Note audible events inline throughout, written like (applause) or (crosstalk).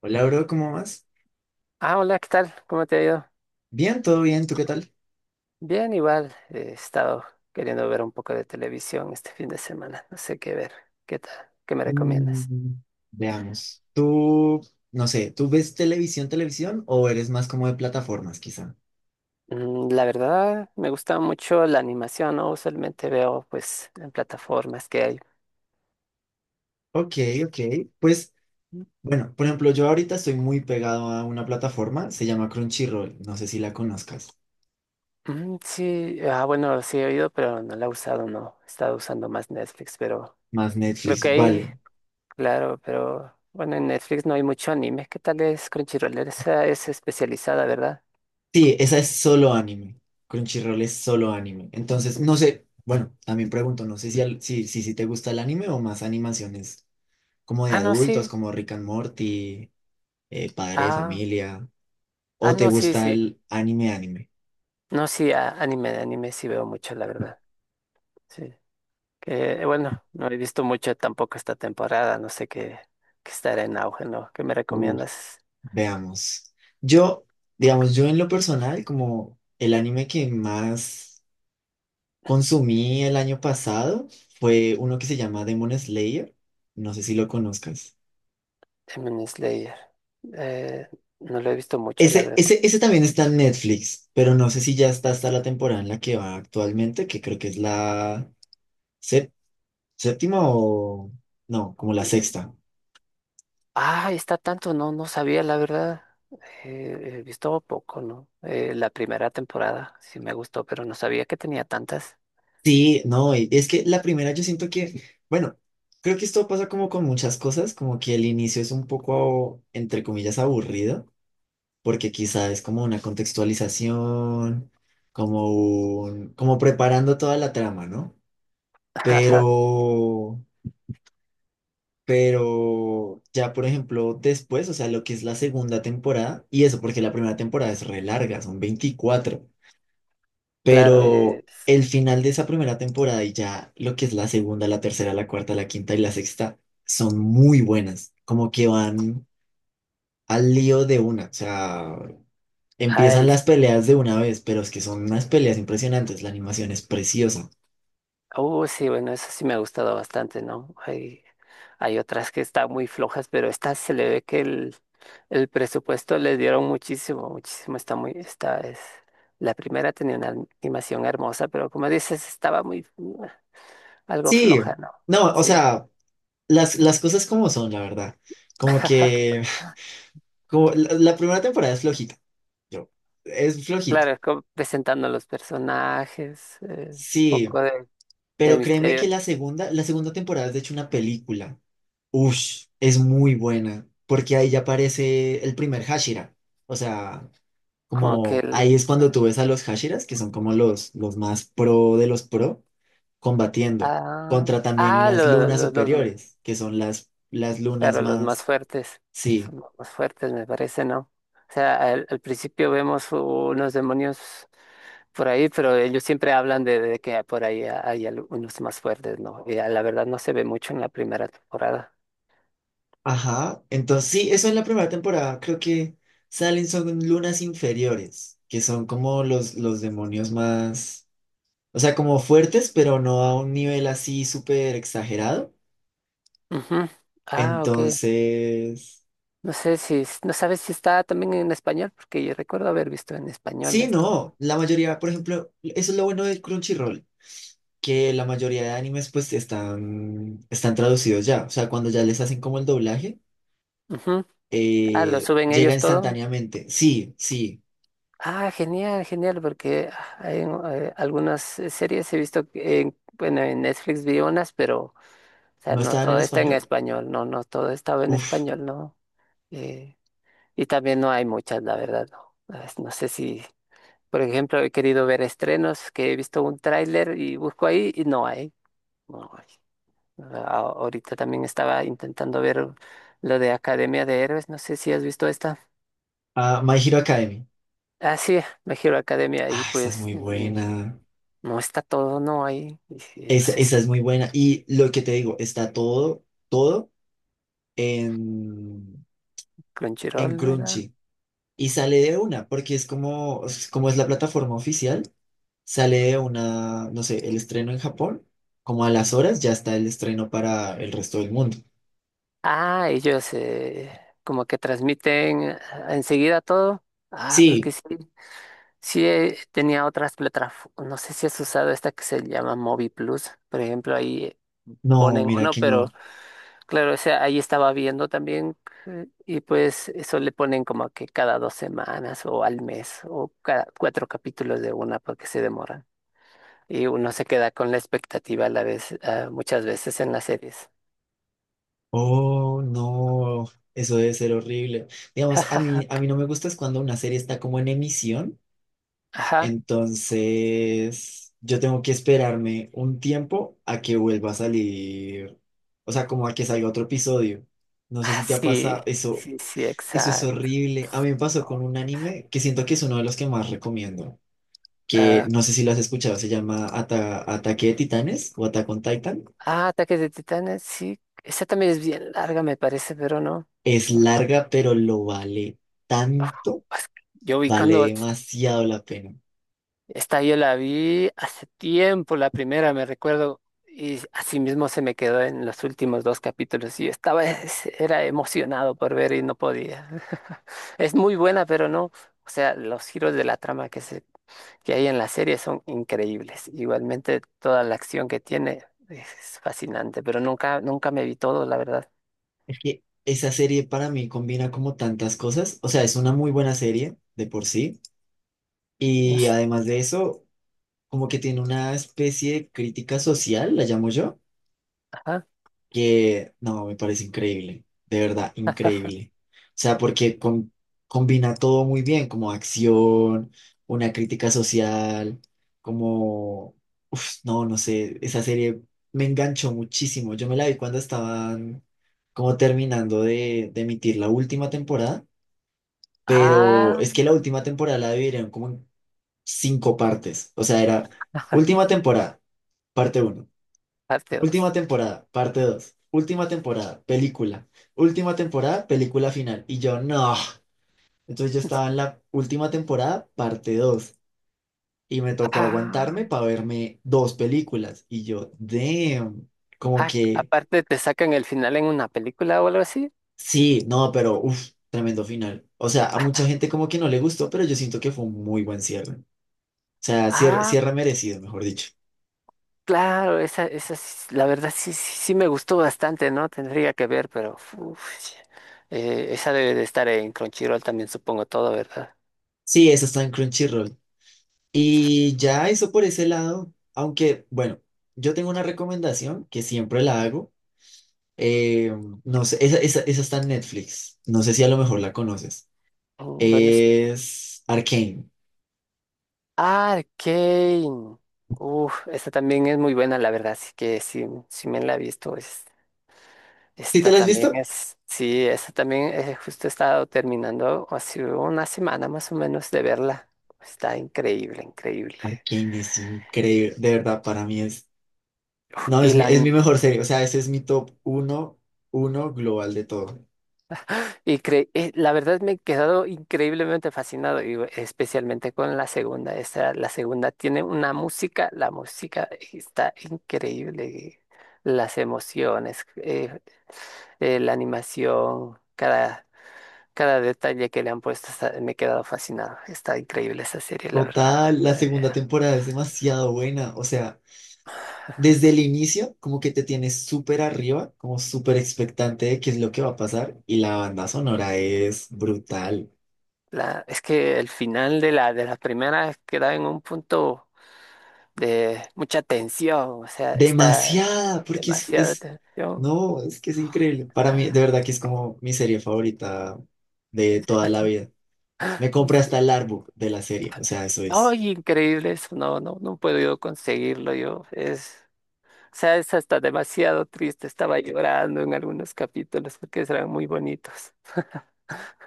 Hola, bro, ¿cómo vas? Ah, hola, ¿qué tal? ¿Cómo te ha ido? Bien, todo bien, ¿tú qué tal? Bien, igual. He estado queriendo ver un poco de televisión este fin de semana. No sé qué ver. ¿Qué tal? ¿Qué me recomiendas? Mm, Veamos. Tú, no sé, ¿tú ves televisión, televisión o eres más como de plataformas, quizá? Mm, la verdad, me gusta mucho la animación, ¿no? Usualmente veo, pues, en plataformas que hay. Ok, ok. Pues, bueno, por ejemplo, yo ahorita estoy muy pegado a una plataforma, se llama Crunchyroll, no sé si la conozcas. Mm, sí, ah, bueno, sí he oído, pero no la he usado, no. He estado usando más Netflix, pero Más creo Netflix, que ahí, vale. claro, pero bueno, en Netflix no hay mucho anime. ¿Qué tal es Crunchyroll? Esa es especializada, ¿verdad? Sí, esa es solo anime. Crunchyroll es solo anime. Entonces, no sé, bueno, también pregunto, no sé si, si te gusta el anime o más animaciones como de Ah, no, adultos, sí. como Rick and Morty. Padre de Ah, familia, ah, o te no, sí, gusta sí. el anime, anime. No, sí, anime, de anime sí veo mucho, la verdad. Sí. Que bueno, no he visto mucho tampoco esta temporada, no sé qué, qué estará en auge, ¿no? ¿Qué me Uf, recomiendas? veamos. Yo, digamos, yo en lo personal, como el anime que más consumí el año pasado fue uno que se llama Demon Slayer. No sé si lo conozcas. Demon Slayer. Eh, no lo he visto mucho, la Ese, verdad. ese, ese también está en Netflix, pero no sé si ya está hasta la temporada en la que va actualmente, que creo que es la sé- séptima o no, como la Uy, uy. sexta. Ah, está tanto, no, no sabía, la verdad. He visto poco, ¿no? La primera temporada sí me gustó, pero no sabía que tenía tantas. Sí, no, y es que la primera yo siento que, bueno, creo que esto pasa como con muchas cosas, como que el inicio es un poco, entre comillas, aburrido, porque quizá es como una contextualización, como como preparando toda la trama, ¿no? (laughs) Pero, pero ya, por ejemplo, después, o sea, lo que es la segunda temporada, y eso, porque la primera temporada es re larga, son 24. Claro, Pero el final de esa primera temporada y ya lo que es la segunda, la tercera, la cuarta, la quinta y la sexta son muy buenas. Como que van al lío de una. O sea, empiezan ay, las peleas de una vez, pero es que son unas peleas impresionantes. La animación es preciosa. uh, sí, bueno, eso sí me ha gustado bastante, ¿no? Hay otras que están muy flojas, pero esta se le ve que el presupuesto les dieron muchísimo, muchísimo. Está muy, esta es, la primera tenía una animación hermosa, pero como dices, estaba muy, algo Sí, floja, ¿no? no, o Sí, sea, las cosas como son, la verdad. Como (laughs) que (laughs) como la primera temporada es flojita. Yo, es flojita. claro, como presentando los personajes, un Sí, poco de pero créeme que misterio, la segunda temporada es de hecho una película. Ush, es muy buena, porque ahí ya aparece el primer Hashira. O sea, como que como ahí el, es cuando tú ves a los Hashiras, que son como los más pro de los pro, combatiendo ah, contra también ah, las lunas los, superiores, que son las lunas claro, los más más... fuertes Sí, son los más fuertes, me parece, ¿no? O sea, al, al principio vemos unos demonios por ahí, pero ellos siempre hablan de que por ahí hay unos más fuertes, ¿no? Y a la verdad no se ve mucho en la primera temporada. ajá. Entonces, sí, eso en la primera temporada. Creo que salen son lunas inferiores, que son como los demonios más... O sea, como fuertes, pero no a un nivel así súper exagerado. Ujú. Ah, ok. Entonces, No sé si, no sabes si está también en español, porque yo recuerdo haber visto en español sí, esto, ¿no? no, la mayoría, por ejemplo, eso es lo bueno del Crunchyroll, que la mayoría de animes pues están traducidos ya, o sea, cuando ya les hacen como el doblaje, Ujú. Ah, lo suben llega ellos todo. instantáneamente. Sí, sí, Ah, genial, genial, porque ah, hay algunas series he visto, que en, bueno, en Netflix vi unas, pero, o sea, ¿no no estaban en todo está en español? español, no, no todo estaba en Uf, español, ¿no? Eh, y también no hay muchas, la verdad, no. Ah, no sé si, por ejemplo, he querido ver estrenos que he visto un tráiler y busco ahí y no hay, no hay. Ah, ahorita también estaba intentando ver lo de Academia de Héroes, no sé si has visto esta. ah, My Hero Academy. Ah, sí, Me Hero Academia y Ah, esa es pues muy buena, no está todo, no hay. No esa, sé si esa es muy buena. Y lo que te digo, está todo, todo en, en Crunchyroll, ¿verdad? Crunchy. Y sale de una, porque es como es la plataforma oficial. Sale una, no sé, el estreno en Japón, como a las horas ya está el estreno para el resto del mundo. Ah, ellos como que transmiten enseguida todo. Ah, porque Sí, sí, sí tenía otras plataformas. No sé si has usado esta que se llama Movi Plus. Por ejemplo, ahí no, ponen mira uno, que pero no. claro, o sea ahí estaba viendo también. Y pues eso le ponen como que cada dos semanas o al mes o cada cuatro capítulos de una porque se demoran. Y uno se queda con la expectativa a la vez, ah, muchas veces en las series. Oh, no, eso debe ser horrible. Digamos, a mí, a (laughs) mí no me gusta es cuando una serie está como en emisión, Ajá, entonces yo tengo que esperarme un tiempo a que vuelva a salir, o sea, como a que salga otro episodio. No sé ah, si te ha sí, pasado eso. sí, sí, Eso es exacto. horrible. A mí me pasó con un anime que siento que es uno de los que más recomiendo, que ah, no sé si lo has escuchado, se llama Ataque de Titanes o Attack on Titan. ah, Ataque de Titanes, sí. Esa también es bien larga, me parece, pero no. Es No, larga, pero lo vale tanto, pues, yo vi vale cuando demasiado la pena. esta yo la vi hace tiempo, la primera, me recuerdo, y así mismo se me quedó en los últimos dos capítulos. Y yo estaba, era emocionado por ver y no podía. (laughs) Es muy buena, pero no. O sea, los giros de la trama que se que hay en la serie son increíbles. Igualmente toda la acción que tiene es fascinante, pero nunca, nunca me vi todo, la verdad. Es que esa serie para mí combina como tantas cosas, o sea, es una muy buena serie de por sí, No y sé, además de eso, como que tiene una especie de crítica social, la llamo yo ajá. que no, me parece increíble, de verdad, increíble. O sea, porque combina todo muy bien, como acción, una crítica social, como, uf, no, no sé, esa serie me enganchó muchísimo. Yo me la vi cuando estaban como terminando de emitir la última temporada, pero Ah, es que la última temporada la dividieron como en cinco partes, o sea, era última temporada, parte uno. parte Última dos. temporada, parte dos. Última temporada, película. Última temporada, película final. Y yo, no. Entonces yo estaba en la última temporada, parte dos. Y me tocó Ah, aguantarme para verme dos películas. Y yo, damn. Como ah, que, aparte te sacan el final en una película o algo así. sí, no, pero, uff, tremendo final. O sea, a mucha gente como que no le gustó, pero yo siento que fue un muy buen cierre. O sea, cierre, Ah, cierre merecido, mejor dicho. claro, esa, la verdad sí, sí, sí me gustó bastante, ¿no? Tendría que ver, pero uf, esa debe de estar en Crunchyroll también, supongo todo, ¿verdad? Sí, eso está en Crunchyroll. Y ya eso por ese lado, aunque bueno, yo tengo una recomendación que siempre la hago. eh, no sé, esa está en Netflix. No sé si a lo mejor la conoces. Mm, bueno, Es Arcane. Arcane. Uf, esta también es muy buena, la verdad. Así que sí, sí me la he visto. ¿Sí te Esta la has también visto? es, sí, esta también justo he estado terminando hace una semana más o menos de verla. Está increíble, increíble. Arcane es increíble, de verdad, para mí es. No, Y es mi, la, es mi mejor serie. O sea, ese es mi top uno, uno global de todo. La verdad me he quedado increíblemente fascinado, y especialmente con la segunda. Esta, la segunda tiene una música, la música está increíble. Las emociones. La animación, cada, cada detalle que le han puesto, me he quedado fascinado. Está increíble esa serie, la verdad. Total, la segunda temporada es demasiado buena. O sea, desde el inicio, como que te tienes súper arriba, como súper expectante de qué es lo que va a pasar, y la banda sonora es brutal. Es que el final de la primera queda en un punto de mucha tensión, o sea, está Demasiada, porque es, demasiada es, tensión. no, es que es increíble. Para mí, de Ah, verdad que es como mi serie favorita de toda la vida. Me compré hasta es- el artbook de la serie, o sea, eso es. ¡ay, increíble eso! No, no, no puedo yo conseguirlo yo. Es, o sea, es hasta demasiado triste. Estaba llorando en algunos capítulos porque eran muy bonitos.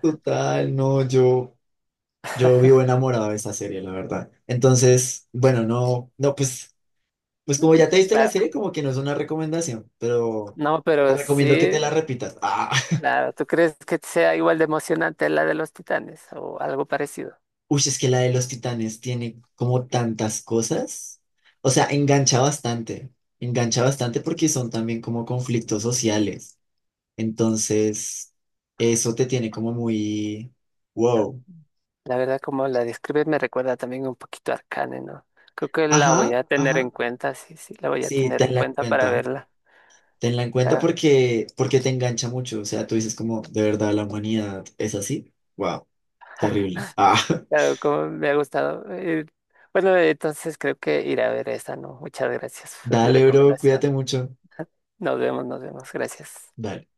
Total, no, yo, vivo enamorado de esa serie, la verdad. Entonces, bueno, no, no, pues. Pues como ya te viste la Claro, serie, como que no es una recomendación, pero no, te pero recomiendo que sí. te la repitas. Ah, (laughs) Claro, ¿tú crees que sea igual de emocionante la de los Titanes o algo parecido? uy, es que la de los titanes tiene como tantas cosas. O sea, engancha bastante porque son también como conflictos sociales. Entonces, eso te tiene como muy, wow. La verdad, como la describes, me recuerda también un poquito a Arcane, ¿no? Creo que la voy Ajá, a tener en ajá. cuenta, sí, sí, la voy a Sí, tener en tenla en cuenta para cuenta. verla. Tenla en cuenta Ah, porque te engancha mucho. O sea, tú dices como, de verdad, la humanidad es así. Wow, terrible. Ah. (laughs) claro, como me ha gustado. Bueno, entonces creo que iré a ver esta, ¿no? Muchas gracias por tu Dale, bro, recomendación. cuídate mucho. Nos vemos, gracias. Dale.